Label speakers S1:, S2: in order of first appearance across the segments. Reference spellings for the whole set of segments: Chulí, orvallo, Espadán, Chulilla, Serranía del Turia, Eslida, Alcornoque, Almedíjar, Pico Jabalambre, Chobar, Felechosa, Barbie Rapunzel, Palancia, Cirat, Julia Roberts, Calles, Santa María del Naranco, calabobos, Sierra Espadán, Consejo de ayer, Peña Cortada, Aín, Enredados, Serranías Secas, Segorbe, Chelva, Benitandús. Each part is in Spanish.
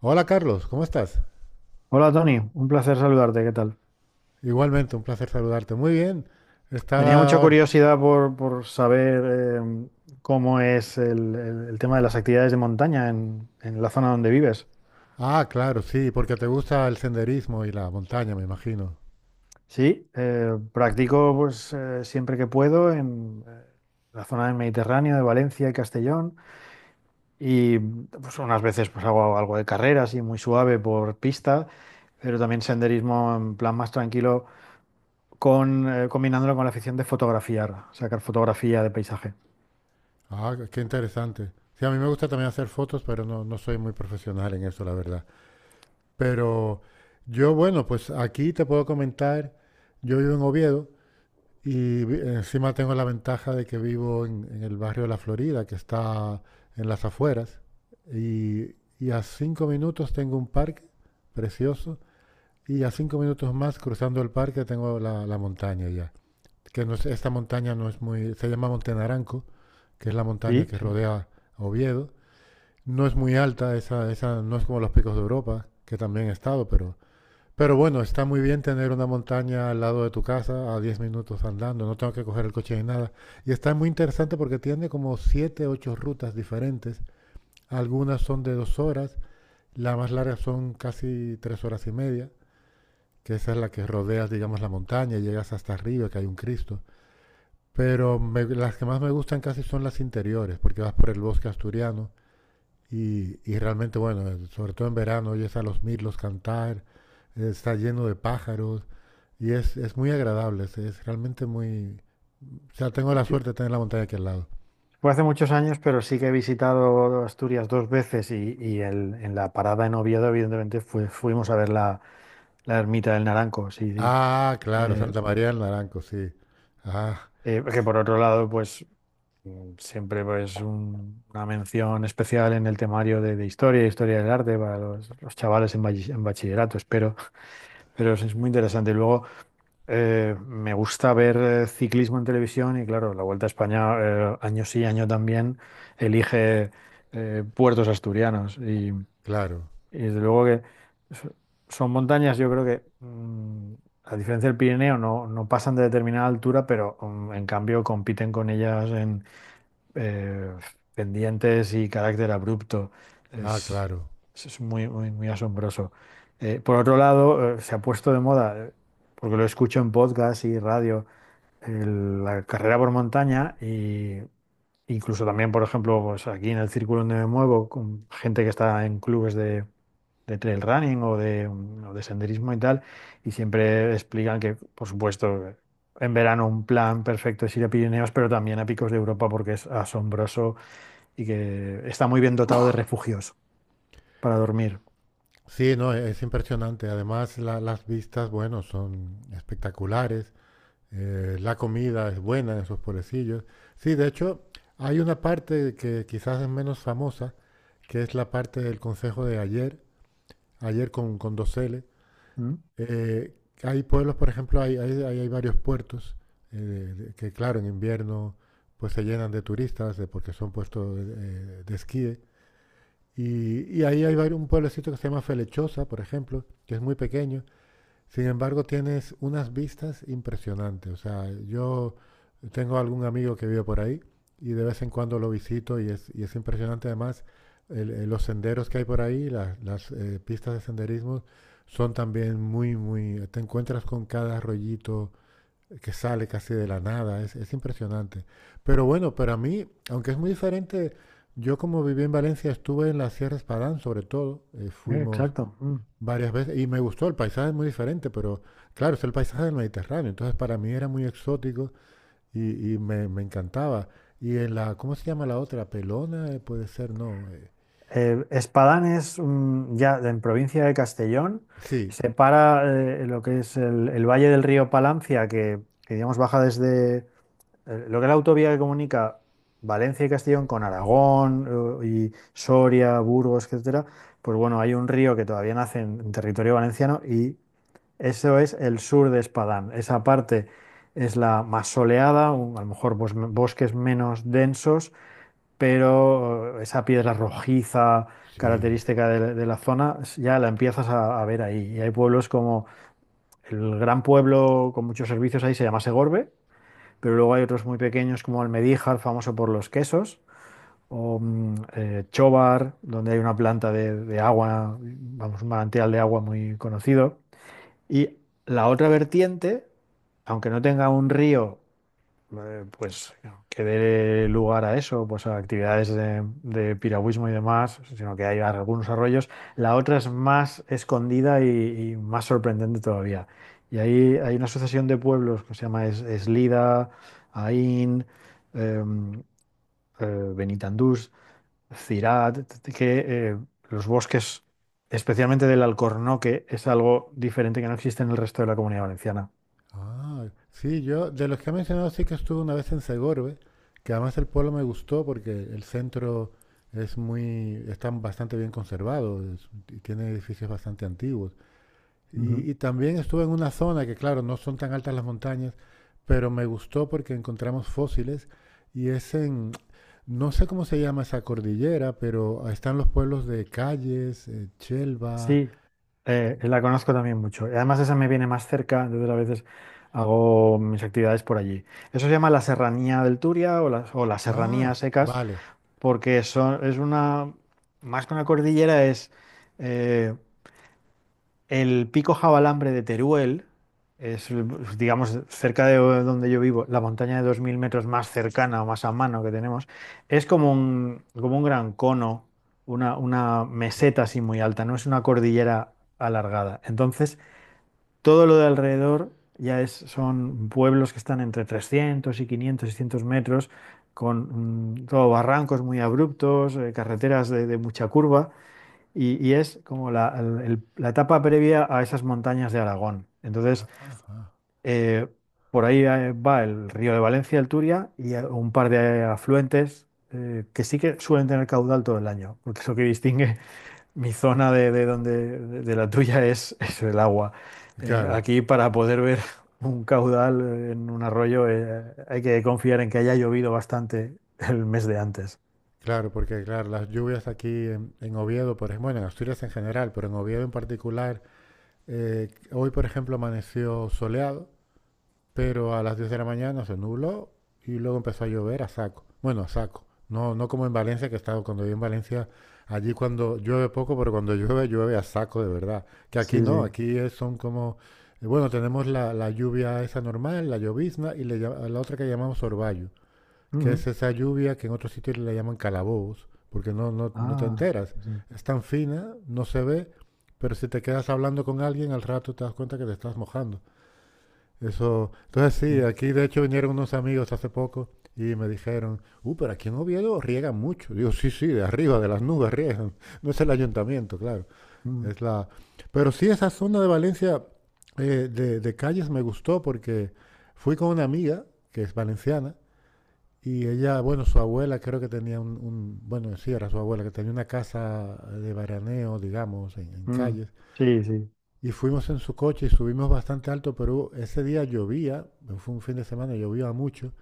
S1: Hola Carlos, ¿cómo estás?
S2: Hola Tony, un placer saludarte, ¿qué tal?
S1: Igualmente, un placer saludarte. Muy bien.
S2: Tenía
S1: Estaba
S2: mucha
S1: ahora-
S2: curiosidad por saber eh, cómo es el tema de las actividades de montaña en la zona donde vives.
S1: Ah, claro, sí, porque te gusta el senderismo y la montaña, me imagino.
S2: Sí, practico siempre que puedo en la zona del Mediterráneo, de Valencia y Castellón, y pues unas veces pues hago algo de carreras y muy suave por pista, pero también senderismo en plan más tranquilo, combinándolo con la afición de fotografiar, sacar fotografía de paisaje.
S1: Ah, qué interesante. Sí, a mí me gusta también hacer fotos, pero no, no soy muy profesional en eso, la verdad. Pero yo, pues aquí te puedo comentar, yo vivo en Oviedo y encima tengo la ventaja de que vivo en el barrio de La Florida, que está en las afueras, y a cinco minutos tengo un parque precioso. Y a cinco minutos más, cruzando el parque, tengo la montaña ya. Que esta montaña no es muy... Se llama Monte Naranco, que es la montaña que
S2: Sí,
S1: rodea Oviedo. No es muy alta, esa no es como los Picos de Europa, que también he estado, pero... Pero bueno, está muy bien tener una montaña al lado de tu casa, a 10 minutos andando, no tengo que coger el coche ni nada. Y está muy interesante porque tiene como 7, 8 rutas diferentes. Algunas son de dos horas, las más largas son casi tres horas y media, que esa es la que rodeas, digamos, la montaña y llegas hasta arriba, que hay un Cristo. Pero me, las que más me gustan casi son las interiores, porque vas por el bosque asturiano y realmente, bueno, sobre todo en verano oyes a los mirlos cantar, está lleno de pájaros y es muy agradable, es realmente muy... O sea, tengo la
S2: sí.
S1: suerte de tener la montaña aquí al lado.
S2: Fue hace muchos años, pero sí que he visitado Asturias dos veces y en la parada en Oviedo, evidentemente, fuimos a ver la ermita del Naranco. Sí, sí.
S1: Ah, claro,
S2: Eh,
S1: Santa María del Naranco, sí. Ah, sí,
S2: que por otro lado, pues siempre pues una mención especial en el temario de historia, historia del arte para los chavales en, en bachillerato, espero. Pero es muy interesante. Luego, me gusta ver ciclismo en televisión y claro, la Vuelta a España año sí, año también elige puertos asturianos y
S1: claro,
S2: desde luego que so- son montañas, yo creo que a diferencia del Pirineo no, no pasan de determinada altura, pero en cambio compiten con ellas eh, pendientes y carácter abrupto.
S1: ah,
S2: Es,
S1: claro.
S2: es muy, muy, muy asombroso. Por otro lado, se ha puesto de moda, porque lo escucho en podcast y radio, la carrera por montaña y incluso también, por ejemplo, pues aquí en el círculo donde me muevo, con gente que está en clubes de trail running o de, o de senderismo y tal, y siempre explican que, por supuesto, en verano un plan perfecto es ir a Pirineos, pero también a Picos de Europa porque es asombroso y que está muy bien dotado de refugios para dormir.
S1: Sí, no, es impresionante. Además, las vistas, bueno, son espectaculares. La comida es buena en esos pueblecillos. Sí, de hecho, hay una parte que quizás es menos famosa, que es la parte del Consejo de ayer, ayer con dos L.
S2: ¿Mm?
S1: Eh, hay pueblos, por ejemplo, hay varios puertos que, claro, en invierno pues se llenan de turistas porque son puestos de esquí. Y ahí hay un pueblecito que se llama Felechosa, por ejemplo, que es muy pequeño, sin embargo, tienes unas vistas impresionantes. O sea, yo tengo algún amigo que vive por ahí y de vez en cuando lo visito y y es impresionante además los senderos que hay por ahí, las pistas de senderismo son también muy, muy... Te encuentras con cada rollito que sale casi de la nada, es impresionante. Pero bueno, para mí, aunque es muy diferente, yo como viví en Valencia estuve en la Sierra Espadán sobre todo, fuimos
S2: Exacto.
S1: varias veces y me gustó, el paisaje es muy diferente, pero claro, es el paisaje del Mediterráneo, entonces para mí era muy exótico y me encantaba. Y en la, ¿cómo se llama la otra? Pelona, puede ser, no. Eh,
S2: Espadán es ya en provincia de Castellón,
S1: sí,
S2: separa lo que es el valle del río Palancia, que digamos baja desde lo que es la autovía que comunica Valencia y Castellón con Aragón y Soria, Burgos, etcétera. Pues bueno, hay un río que todavía nace en territorio valenciano y eso es el sur de Espadán. Esa parte es la más soleada, a lo mejor pues, bosques menos densos pero esa piedra rojiza
S1: sí.
S2: característica de la zona ya la empiezas a ver ahí. Y hay pueblos como el gran pueblo con muchos servicios ahí se llama Segorbe, pero luego hay otros muy pequeños como Almedíjar, famoso por los quesos, o Chobar, donde hay una planta de agua, vamos, un manantial de agua muy conocido. Y la otra vertiente, aunque no tenga un río, pues que dé lugar a eso, pues a actividades de piragüismo y demás, sino que hay algunos arroyos. La otra es más escondida y más sorprendente todavía. Y ahí hay una asociación de pueblos que se llama Eslida, Aín, eh, eh, Benitandús, Cirat, que los bosques, especialmente del Alcornoque, es algo diferente que no existe en el resto de la Comunidad Valenciana.
S1: Ah, sí, yo, de los que ha mencionado, sí que estuve una vez en Segorbe, que además el pueblo me gustó porque el centro es muy, está bastante bien conservado y tiene edificios bastante antiguos.
S2: Ujú.
S1: Y también estuve en una zona que, claro, no son tan altas las montañas, pero me gustó porque encontramos fósiles y es no sé cómo se llama esa cordillera, pero están los pueblos de Calles, Chelva.
S2: Sí. La conozco también mucho. Y además esa me viene más cerca, entonces a veces hago mis actividades por allí. Eso se llama la Serranía del Turia o las
S1: Ah,
S2: Serranías Secas,
S1: vale.
S2: porque son, es una, más que una cordillera, es eh, el Pico Jabalambre de Teruel, es, digamos, cerca de donde yo vivo, la montaña de 2.000 metros más cercana o más a mano que tenemos, es como un gran cono, una meseta así muy alta, no es una cordillera alargada. Entonces, todo lo de alrededor ya es, son pueblos que están entre 300 y 500, 600 metros, con todo barrancos muy abruptos, carreteras de mucha curva, y es como la, la etapa previa a esas montañas de Aragón. Entonces,
S1: Ah, ah.
S2: eh, por ahí va el río de Valencia, el Turia, y un par de afluentes que sí que suelen tener caudal todo el año, porque es lo que distingue mi zona de la tuya es, es el agua.
S1: Claro,
S2: Aquí para poder ver un caudal en un arroyo hay que confiar en que haya llovido bastante el mes de antes.
S1: claro, porque claro, las lluvias aquí en Oviedo, por ejemplo, bueno, en Asturias en general, pero en Oviedo en particular, hoy por ejemplo amaneció soleado pero a las 10 de la mañana se nubló y luego empezó a llover a saco. Bueno, a saco. No, no como en Valencia, que he estado cuando vivo en Valencia, allí cuando llueve poco, pero cuando llueve, llueve a saco de verdad. Que
S2: Sí,
S1: aquí no,
S2: sí.
S1: son como, bueno, tenemos la lluvia esa normal, la llovizna, y la otra que llamamos orvallo, que
S2: Ujú.
S1: es esa lluvia que en otros sitios le llaman calabobos, porque no, no, no te
S2: Ah,
S1: enteras.
S2: sí.
S1: Es tan fina, no se ve, pero si te quedas hablando con alguien, al rato te das cuenta que te estás mojando. Eso, entonces sí,
S2: Mm,
S1: aquí de hecho vinieron unos amigos hace poco y me dijeron, pero aquí en Oviedo riegan mucho. Digo, sí, sí, de arriba, de las nubes riegan. No es el ayuntamiento, claro.
S2: mm,
S1: Es la... Pero sí, esa zona de Valencia de Calles me gustó porque fui con una amiga que es valenciana y ella, bueno, su abuela creo que tenía bueno, sí, era su abuela, que tenía una casa de veraneo, digamos, en
S2: mm.
S1: Calles.
S2: Sí, sí.
S1: Y fuimos en su coche y subimos bastante alto, pero ese día llovía, fue un fin de semana, llovía mucho,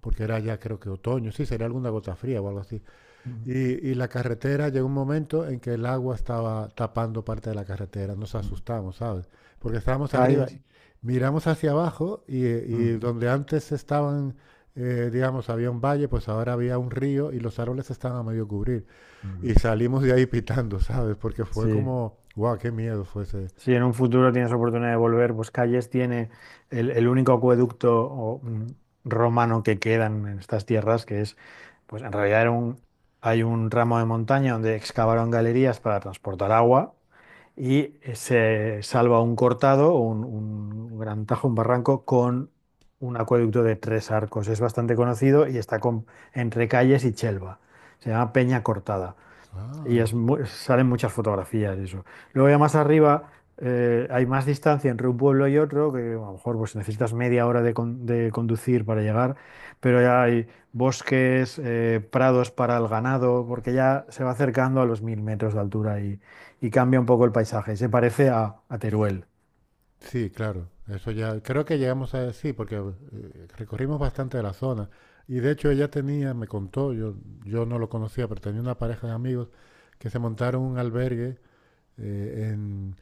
S1: porque era ya creo que otoño, sí, sería alguna gota fría o algo así.
S2: Mm,
S1: Y, y la carretera llegó un momento en que el agua estaba tapando parte de la carretera, nos
S2: mm.
S1: asustamos, ¿sabes? Porque estábamos arriba,
S2: Calles.
S1: miramos hacia abajo y
S2: Mm,
S1: donde antes estaban, digamos, había un valle, pues ahora había un río y los árboles estaban a medio cubrir. Y
S2: mm.
S1: salimos de ahí pitando, ¿sabes? Porque fue
S2: Sí.
S1: como, wow, qué miedo fue ese.
S2: Si en un futuro tienes oportunidad de volver, pues Calles tiene el único acueducto o, romano que quedan en estas tierras, que es, pues en realidad era hay un ramo de montaña donde excavaron galerías para transportar agua y se salva un cortado, un gran tajo, un barranco con un acueducto de tres arcos. Es bastante conocido y está entre Calles y Chelva. Se llama Peña Cortada. Y es
S1: Ah,
S2: salen muchas fotografías y eso. Luego ya más arriba hay más distancia entre un pueblo y otro, que a lo mejor pues, necesitas media hora de conducir para llegar, pero ya hay bosques, prados para el ganado, porque ya se va acercando a los 1.000 metros de altura y cambia un poco el paisaje. Se parece a Teruel.
S1: sí, claro. Eso ya, creo que llegamos a sí, porque recorrimos bastante de la zona. Y de hecho ella tenía, me contó, yo no lo conocía, pero tenía una pareja de amigos que se montaron un albergue eh, en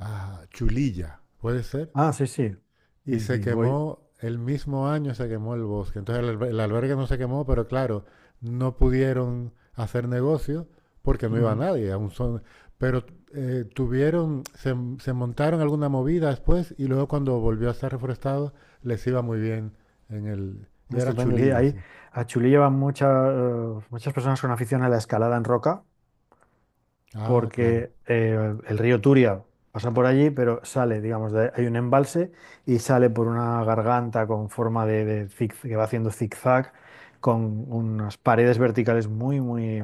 S1: ah, Chulilla, ¿puede ser?
S2: Ah, sí, sí.
S1: Y
S2: Sí,
S1: se
S2: sí, voy.
S1: quemó, el mismo año se quemó el bosque. Entonces el albergue no se quemó, pero claro, no pudieron hacer negocio porque no iba
S2: Ujú.
S1: nadie. Aún son, pero tuvieron, se montaron alguna movida después y luego cuando volvió a ser reforestado les iba muy bien en el... Y era
S2: Estupendo, sí.
S1: Chulilla,
S2: Ahí
S1: sí.
S2: a Chulí llevan mucha, muchas personas con afición a la escalada en roca.
S1: Ah, claro.
S2: Porque el río Turia pasa por allí, pero sale, digamos, hay un embalse y sale por una garganta con forma que va haciendo zigzag, con unas paredes verticales muy, muy,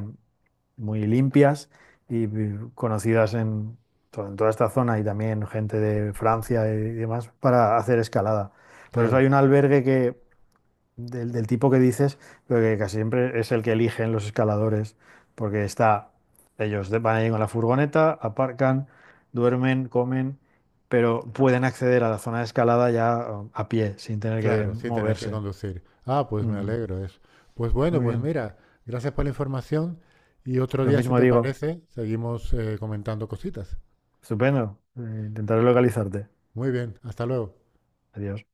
S2: muy limpias y conocidas en, en toda esta zona y también gente de Francia y demás para hacer escalada. Por eso
S1: Claro.
S2: hay un albergue que del, del tipo que dices, pero que casi siempre es el que eligen los escaladores, porque está, van ahí con la furgoneta, aparcan, duermen, comen, pero pueden acceder a la zona de escalada ya a pie, sin tener que
S1: Claro, sin tener que
S2: moverse.
S1: conducir. Ah, pues me
S2: Ujú.
S1: alegro eso. Pues bueno,
S2: Muy
S1: pues
S2: bien.
S1: mira, gracias por la información y otro
S2: Lo
S1: día, si
S2: mismo
S1: te
S2: digo.
S1: parece, seguimos comentando cositas.
S2: Estupendo. Intentaré localizarte.
S1: Muy bien, hasta luego.
S2: Adiós.